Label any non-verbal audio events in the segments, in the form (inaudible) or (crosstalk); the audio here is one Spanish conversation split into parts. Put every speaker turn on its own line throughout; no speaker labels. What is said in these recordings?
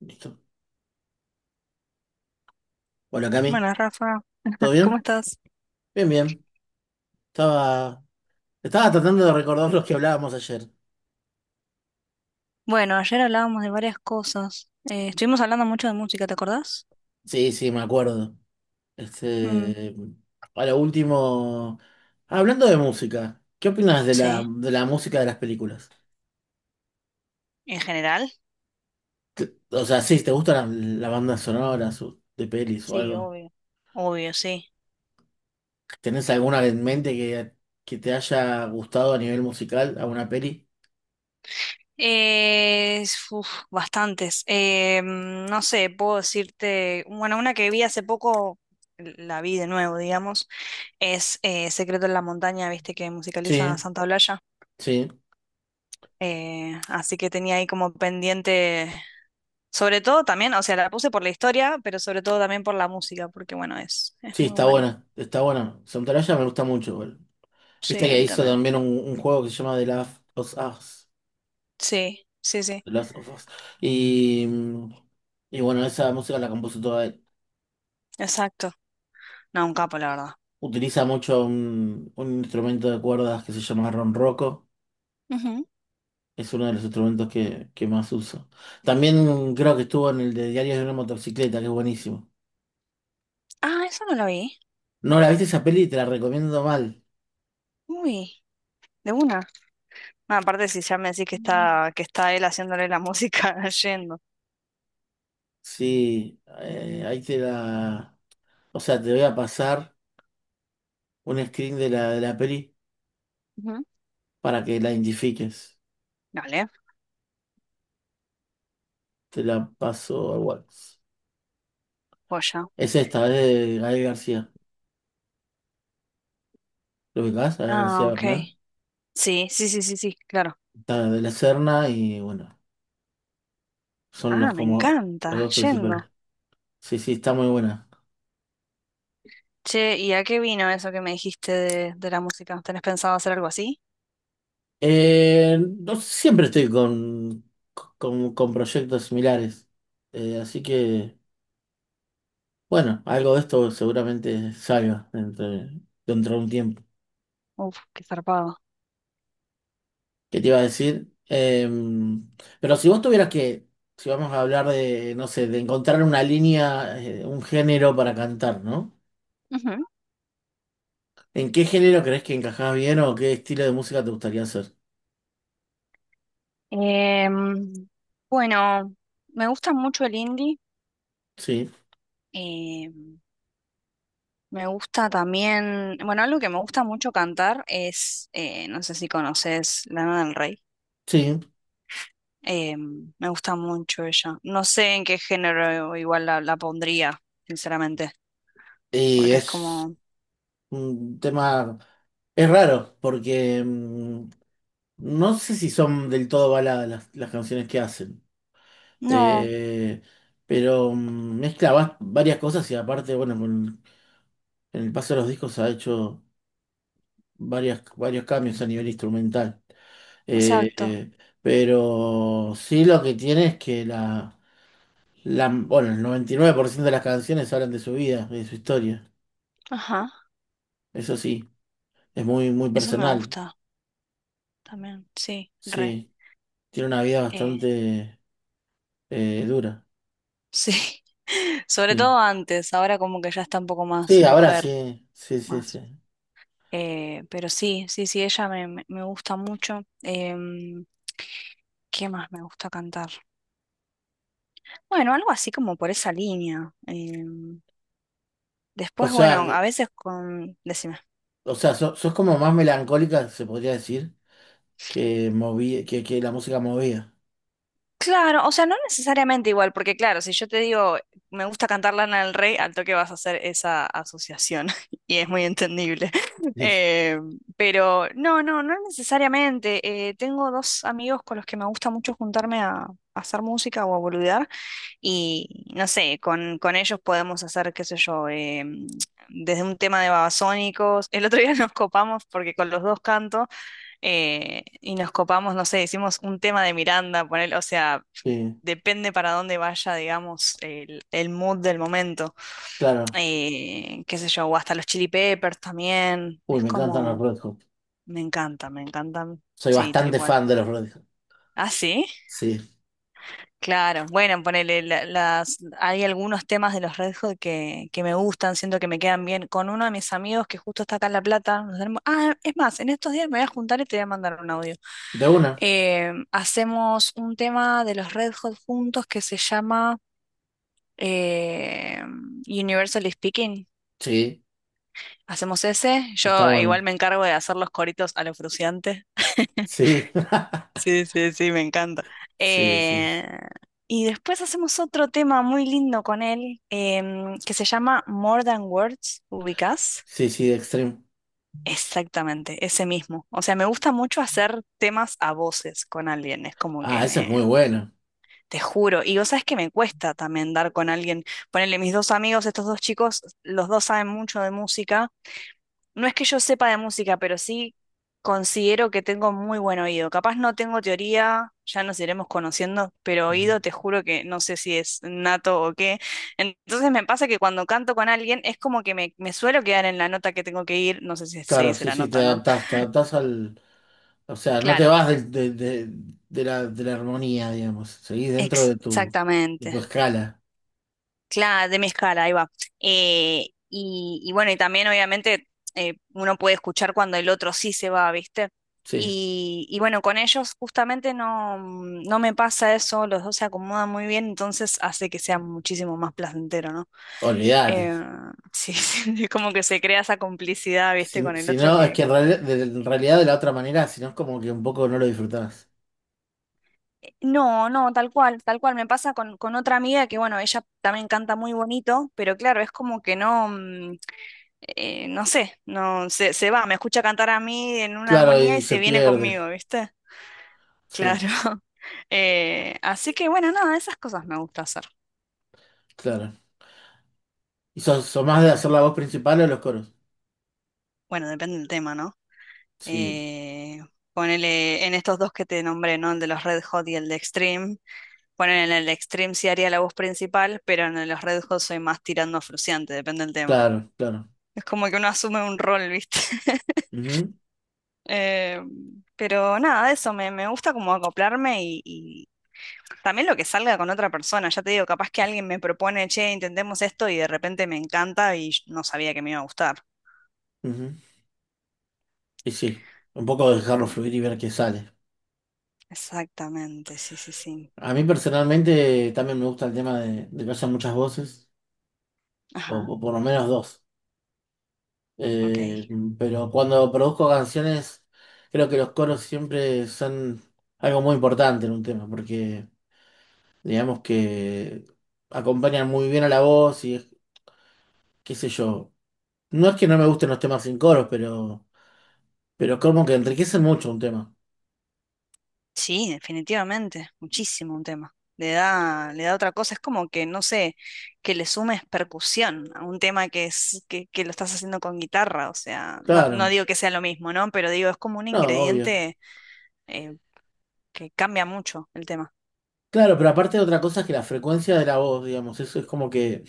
Listo. Hola Cami,
Buenas Rafa,
¿todo
(laughs) ¿cómo
bien?
estás?
Bien, bien. Estaba, estaba tratando de recordar los que hablábamos ayer.
Bueno, ayer hablábamos de varias cosas. Estuvimos hablando mucho de música, ¿te acordás?
Sí, sí, me acuerdo.
Mm,
Este, a lo último, ah, hablando de música, ¿qué opinas de
sí,
de la música de las películas?
en general.
O sea, sí, ¿te gustan las bandas sonoras de pelis o
Sí,
algo?
obvio. Obvio, sí.
¿Tenés alguna en mente que te haya gustado a nivel musical, a una peli?
Uf, bastantes. No sé, puedo decirte, bueno, una que vi hace poco, la vi de nuevo, digamos, es Secreto en la Montaña, viste que musicaliza
Sí,
Santa Olalla.
sí,
Así que tenía ahí como pendiente. Sobre todo también, o sea, la puse por la historia, pero sobre todo también por la música, porque bueno, es
sí,
muy
está
buena.
buena, está buena. Soundtrack me gusta mucho.
Sí,
Viste
a
que
mí
hizo
también.
también un juego que se llama The Last of Us.
Sí, sí, sí,
The Last of Us. Y, y bueno, esa música la compuso toda él.
exacto. No, un capo, la verdad.
Utiliza mucho un instrumento de cuerdas que se llama ronroco.
Ujú.
Es uno de los instrumentos que más uso. También creo que estuvo en el de Diarios de una motocicleta, que es buenísimo.
Ah, eso no lo vi.
No la viste esa peli, te la recomiendo mal.
Uy, de una. Ah, aparte, si ya me decís
Mm.
que está él haciéndole la música (laughs) yendo.
Sí, ahí te la... O sea, te voy a pasar un screen de de la peli
Ujú.
para que la identifiques.
Dale,
Te la paso al WhatsApp.
joya.
Es esta, es de Gael García. ¿Lo ubicás? Gael
Ah,
García
ok.
Bernal.
Sí, sí, sí, sí, sí, claro.
Está de la Serna y bueno, son
Ah,
los
me
como
encanta,
los dos
yendo.
principales. Sí, sí, está muy buena.
Che, ¿y a qué vino eso que me dijiste de la música? ¿Tenés pensado hacer algo así?
No siempre estoy con proyectos similares. Así que, bueno, algo de esto seguramente salga dentro de un tiempo.
Uf, qué zarpado.
¿Qué te iba a decir? Pero si vos tuvieras si vamos a hablar de, no sé, de encontrar una línea, un género para cantar, ¿no?
Ujú.
¿En qué género crees que encajás bien o qué estilo de música te gustaría hacer?
Em, bueno, me gusta mucho el indie.
Sí,
em, Me gusta también, bueno, algo que me gusta mucho cantar es, no sé si conoces Lana del Rey.
sí.
Em, me gusta mucho ella. No sé en qué género igual la pondría, sinceramente,
Y
porque es
es
como...
un tema, es raro, porque no sé si son del todo baladas las canciones que hacen.
No,
Eh, pero mezcla varias cosas y aparte, bueno, en el paso de los discos ha hecho varios cambios a nivel instrumental. Eh,
exacto.
eh, pero sí lo que tiene es que bueno, el 99% de las canciones hablan de su vida, de su historia.
Ajá,
Eso sí, es muy, muy
eso me
personal.
gusta también, sí, re.
Sí, tiene una vida
eh,
bastante dura.
Sí, (laughs) sobre
Sí.
todo antes, ahora como que ya está un poco más
Sí, ahora
mujer,
sí, sí, sí,
más.
sí.
Pero sí, sí, sí, ella me gusta mucho. Em, ¿qué más me gusta cantar? Bueno, algo así como por esa línea. Em,
O
después,
sea,
bueno, a veces con... Decime.
o sea, sos como más melancólica, se podría decir, que moví, que la música movía.
Claro, o sea, no necesariamente igual, porque claro, si yo te digo, me gusta cantar Lana del Rey, al toque vas a hacer esa asociación (laughs) y es muy entendible. (laughs)
Sí,
Eh, pero no, no necesariamente. Tengo dos amigos con los que me gusta mucho juntarme a hacer música o a boludear y no sé, con ellos podemos hacer, qué sé yo, desde un tema de babasónicos. El otro día (laughs) nos copamos porque con los dos canto y nos copamos, no sé, hicimos un tema de Miranda, poner, o sea
sí,
depende para dónde vaya, digamos, el mood del momento.
claro.
Qué sé yo, o hasta los Chili Peppers también.
Uy,
Es
me encantan los
como,
Red Hot.
me encanta, me encantan.
Soy
Sí, tal
bastante
cual.
fan de los Radiohead.
Ah, sí,
Sí.
claro. Bueno, ponele hay algunos temas de los Red Hot que me gustan, siento que me quedan bien. Con uno de mis amigos que justo está acá en La Plata, nos tenemos- ah, es más, en estos días me voy a juntar y te voy a mandar un audio.
¿De una?
Hacemos un tema de los Red Hot juntos que se llama eh, Universally Speaking.
Sí.
Hacemos ese.
Está
Yo igual
bueno.
me encargo de hacer los coritos a lo Fruciante. (laughs)
Sí. (laughs)
Sí, sí, sí, me encanta.
Sí, sí.
Eh,
Sí,
y después hacemos otro tema muy lindo con él que se llama More Than Words, ¿ubicás?
sí, sí, Extreme.
Exactamente, ese mismo. O sea, me gusta mucho hacer temas a voces con alguien. Es como que
Ah, eso es muy
me,
bueno.
te juro. Y vos sabés que me cuesta también dar con alguien. Ponele mis dos amigos, estos dos chicos, los dos saben mucho de música. No es que yo sepa de música, pero sí considero que tengo muy buen oído. Capaz no tengo teoría, ya nos iremos conociendo, pero
Ujú.
oído te juro que no sé si es nato o qué. Entonces me pasa que cuando canto con alguien es como que me suelo quedar en la nota que tengo que ir. No sé si se
Claro,
dice
sí,
la
sí,
nota, ¿no?
te adaptás al. O sea, no te
Claro.
vas de la, de la armonía, digamos. Seguís dentro de de tu
Exactamente.
escala.
Claro, de mi escala, ahí va. Y bueno, y también obviamente uno puede escuchar cuando el otro sí se va, ¿viste?
Sí,
Y bueno, con ellos justamente no, no me pasa eso, los dos se acomodan muy bien, entonces hace que sea muchísimo más placentero, ¿no?
olvídate.
Eh, sí, (laughs) sí, como que se crea esa complicidad, ¿viste?
Si,
Con el
si
otro
no, es
que...
que en realidad de la otra manera, si no es como que un poco no lo disfrutás.
No, no, tal cual, tal cual. Me pasa con otra amiga que, bueno, ella también canta muy bonito, pero claro, es como que no... No sé, no se, se va, me escucha cantar a mí en una
Claro,
armonía y
y se
se viene
pierde.
conmigo, ¿viste?
Sí,
Claro. (laughs) Así que bueno, nada, esas cosas me gusta hacer.
claro. ¿Y sos, sos más de hacer la voz principal o los coros?
Bueno, depende del tema, ¿no?
Sí,
Eh, Ponele en estos dos que te nombré, ¿no? El de los Red Hot y el de Extreme. Ponele en el de Extreme sí haría la voz principal, pero en el de los Red Hot soy más tirando a fruciante, depende del tema.
claro, claro.
Es como que uno asume un rol, ¿viste? (laughs)
Ujú,
Eh, pero nada, eso, me gusta como acoplarme y, también lo que salga con otra persona, ya te digo, capaz que alguien me propone, che, intentemos esto y de repente me encanta y yo no sabía que me iba a gustar.
ujú. Y sí, un poco dejarlo
Mm,
fluir y ver qué sale.
exactamente, sí, sí, sí.
A mí personalmente también me gusta el tema de que haya muchas voces,
Ajá,
o por lo menos dos.
ok.
Eh, pero cuando produzco canciones, creo que los coros siempre son algo muy importante en un tema, porque digamos que acompañan muy bien a la voz y qué sé yo. No es que no me gusten los temas sin coros, pero... Pero como que enriquecen mucho un tema.
Sí, definitivamente, muchísimo un tema. Le da otra cosa, es como que, no sé, que le sumes percusión a un tema que que lo estás haciendo con guitarra, o sea, no, no
Claro,
digo que sea lo mismo, ¿no? Pero digo, es como un
no, obvio.
ingrediente eh, que cambia mucho el tema.
Claro, pero aparte otra cosa es que la frecuencia de la voz, digamos, eso es como que,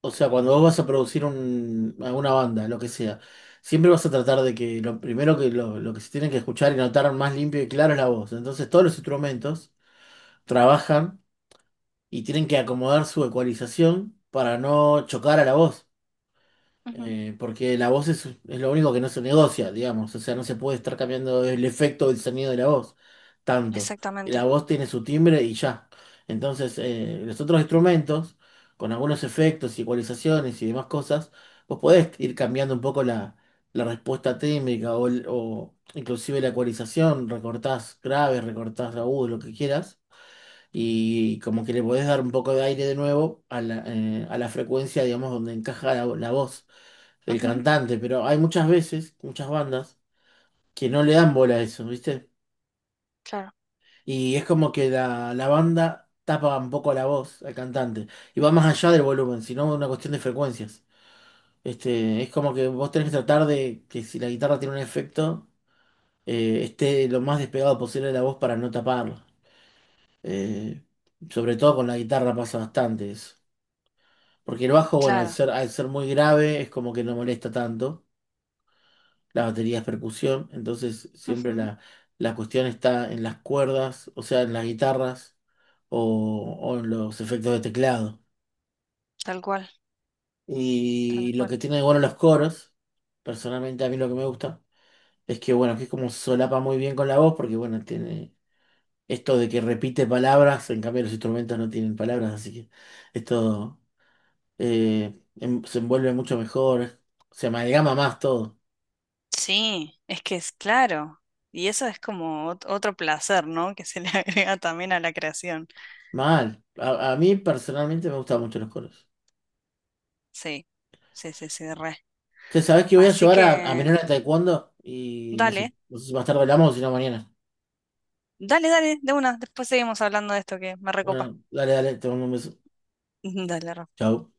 o sea, cuando vos vas a producir alguna banda, lo que sea, siempre vas a tratar de que lo primero lo que se tienen que escuchar y notar más limpio y claro es la voz. Entonces todos los instrumentos trabajan y tienen que acomodar su ecualización para no chocar a la voz.
Ujú,
Porque la voz es lo único que no se negocia, digamos. O sea, no se puede estar cambiando el efecto del sonido de la voz tanto.
exactamente.
La voz tiene su timbre y ya. Entonces, los otros instrumentos, con algunos efectos, igualizaciones y demás cosas, vos podés ir cambiando un poco la respuesta técnica o inclusive la ecualización. Recortás graves, recortás agudos, lo que quieras. Y como que le podés dar un poco de aire de nuevo a la frecuencia, digamos, donde encaja la voz el
Ujú,
cantante, pero hay muchas veces, muchas bandas, que no le dan bola a eso, ¿viste?
claro,
Y es como que la banda tapa un poco la voz al cantante. Y va más allá del volumen, sino una cuestión de frecuencias. Este, es como que vos tenés que tratar de que si la guitarra tiene un efecto, esté lo más despegado posible de la voz para no taparlo. Eh, Sobre todo con la guitarra pasa bastante eso. Porque el bajo, bueno,
claro.
al ser muy grave, es como que no molesta tanto. Las baterías percusión, entonces siempre
Ujú,
la cuestión está en las cuerdas, o sea, en las guitarras o en los efectos de teclado.
tal cual, tal
Y lo
cual.
que tiene de bueno los coros, personalmente a mí lo que me gusta, es que bueno, que es como solapa muy bien con la voz, porque bueno, tiene esto de que repite palabras, en cambio los instrumentos no tienen palabras, así que esto se envuelve mucho mejor, se amalgama más todo.
Sí, es que es claro. Y eso es como ot- otro placer, ¿no? Que se le (laughs) agrega también a la creación.
Mal. A mí personalmente me gustan mucho los coros.
Sí, sí, sí, sí, re.
Che, ¿sabés que voy a
Así
llevar a mi nena
que,
a taekwondo? Y no sé,
dale,
no sé si más tarde hablamos o si no mañana.
dale, dale, de una. Después seguimos hablando de esto que me recopa.
Bueno, dale, dale, te mando un beso.
(laughs) Dale, Rafa.
Chau.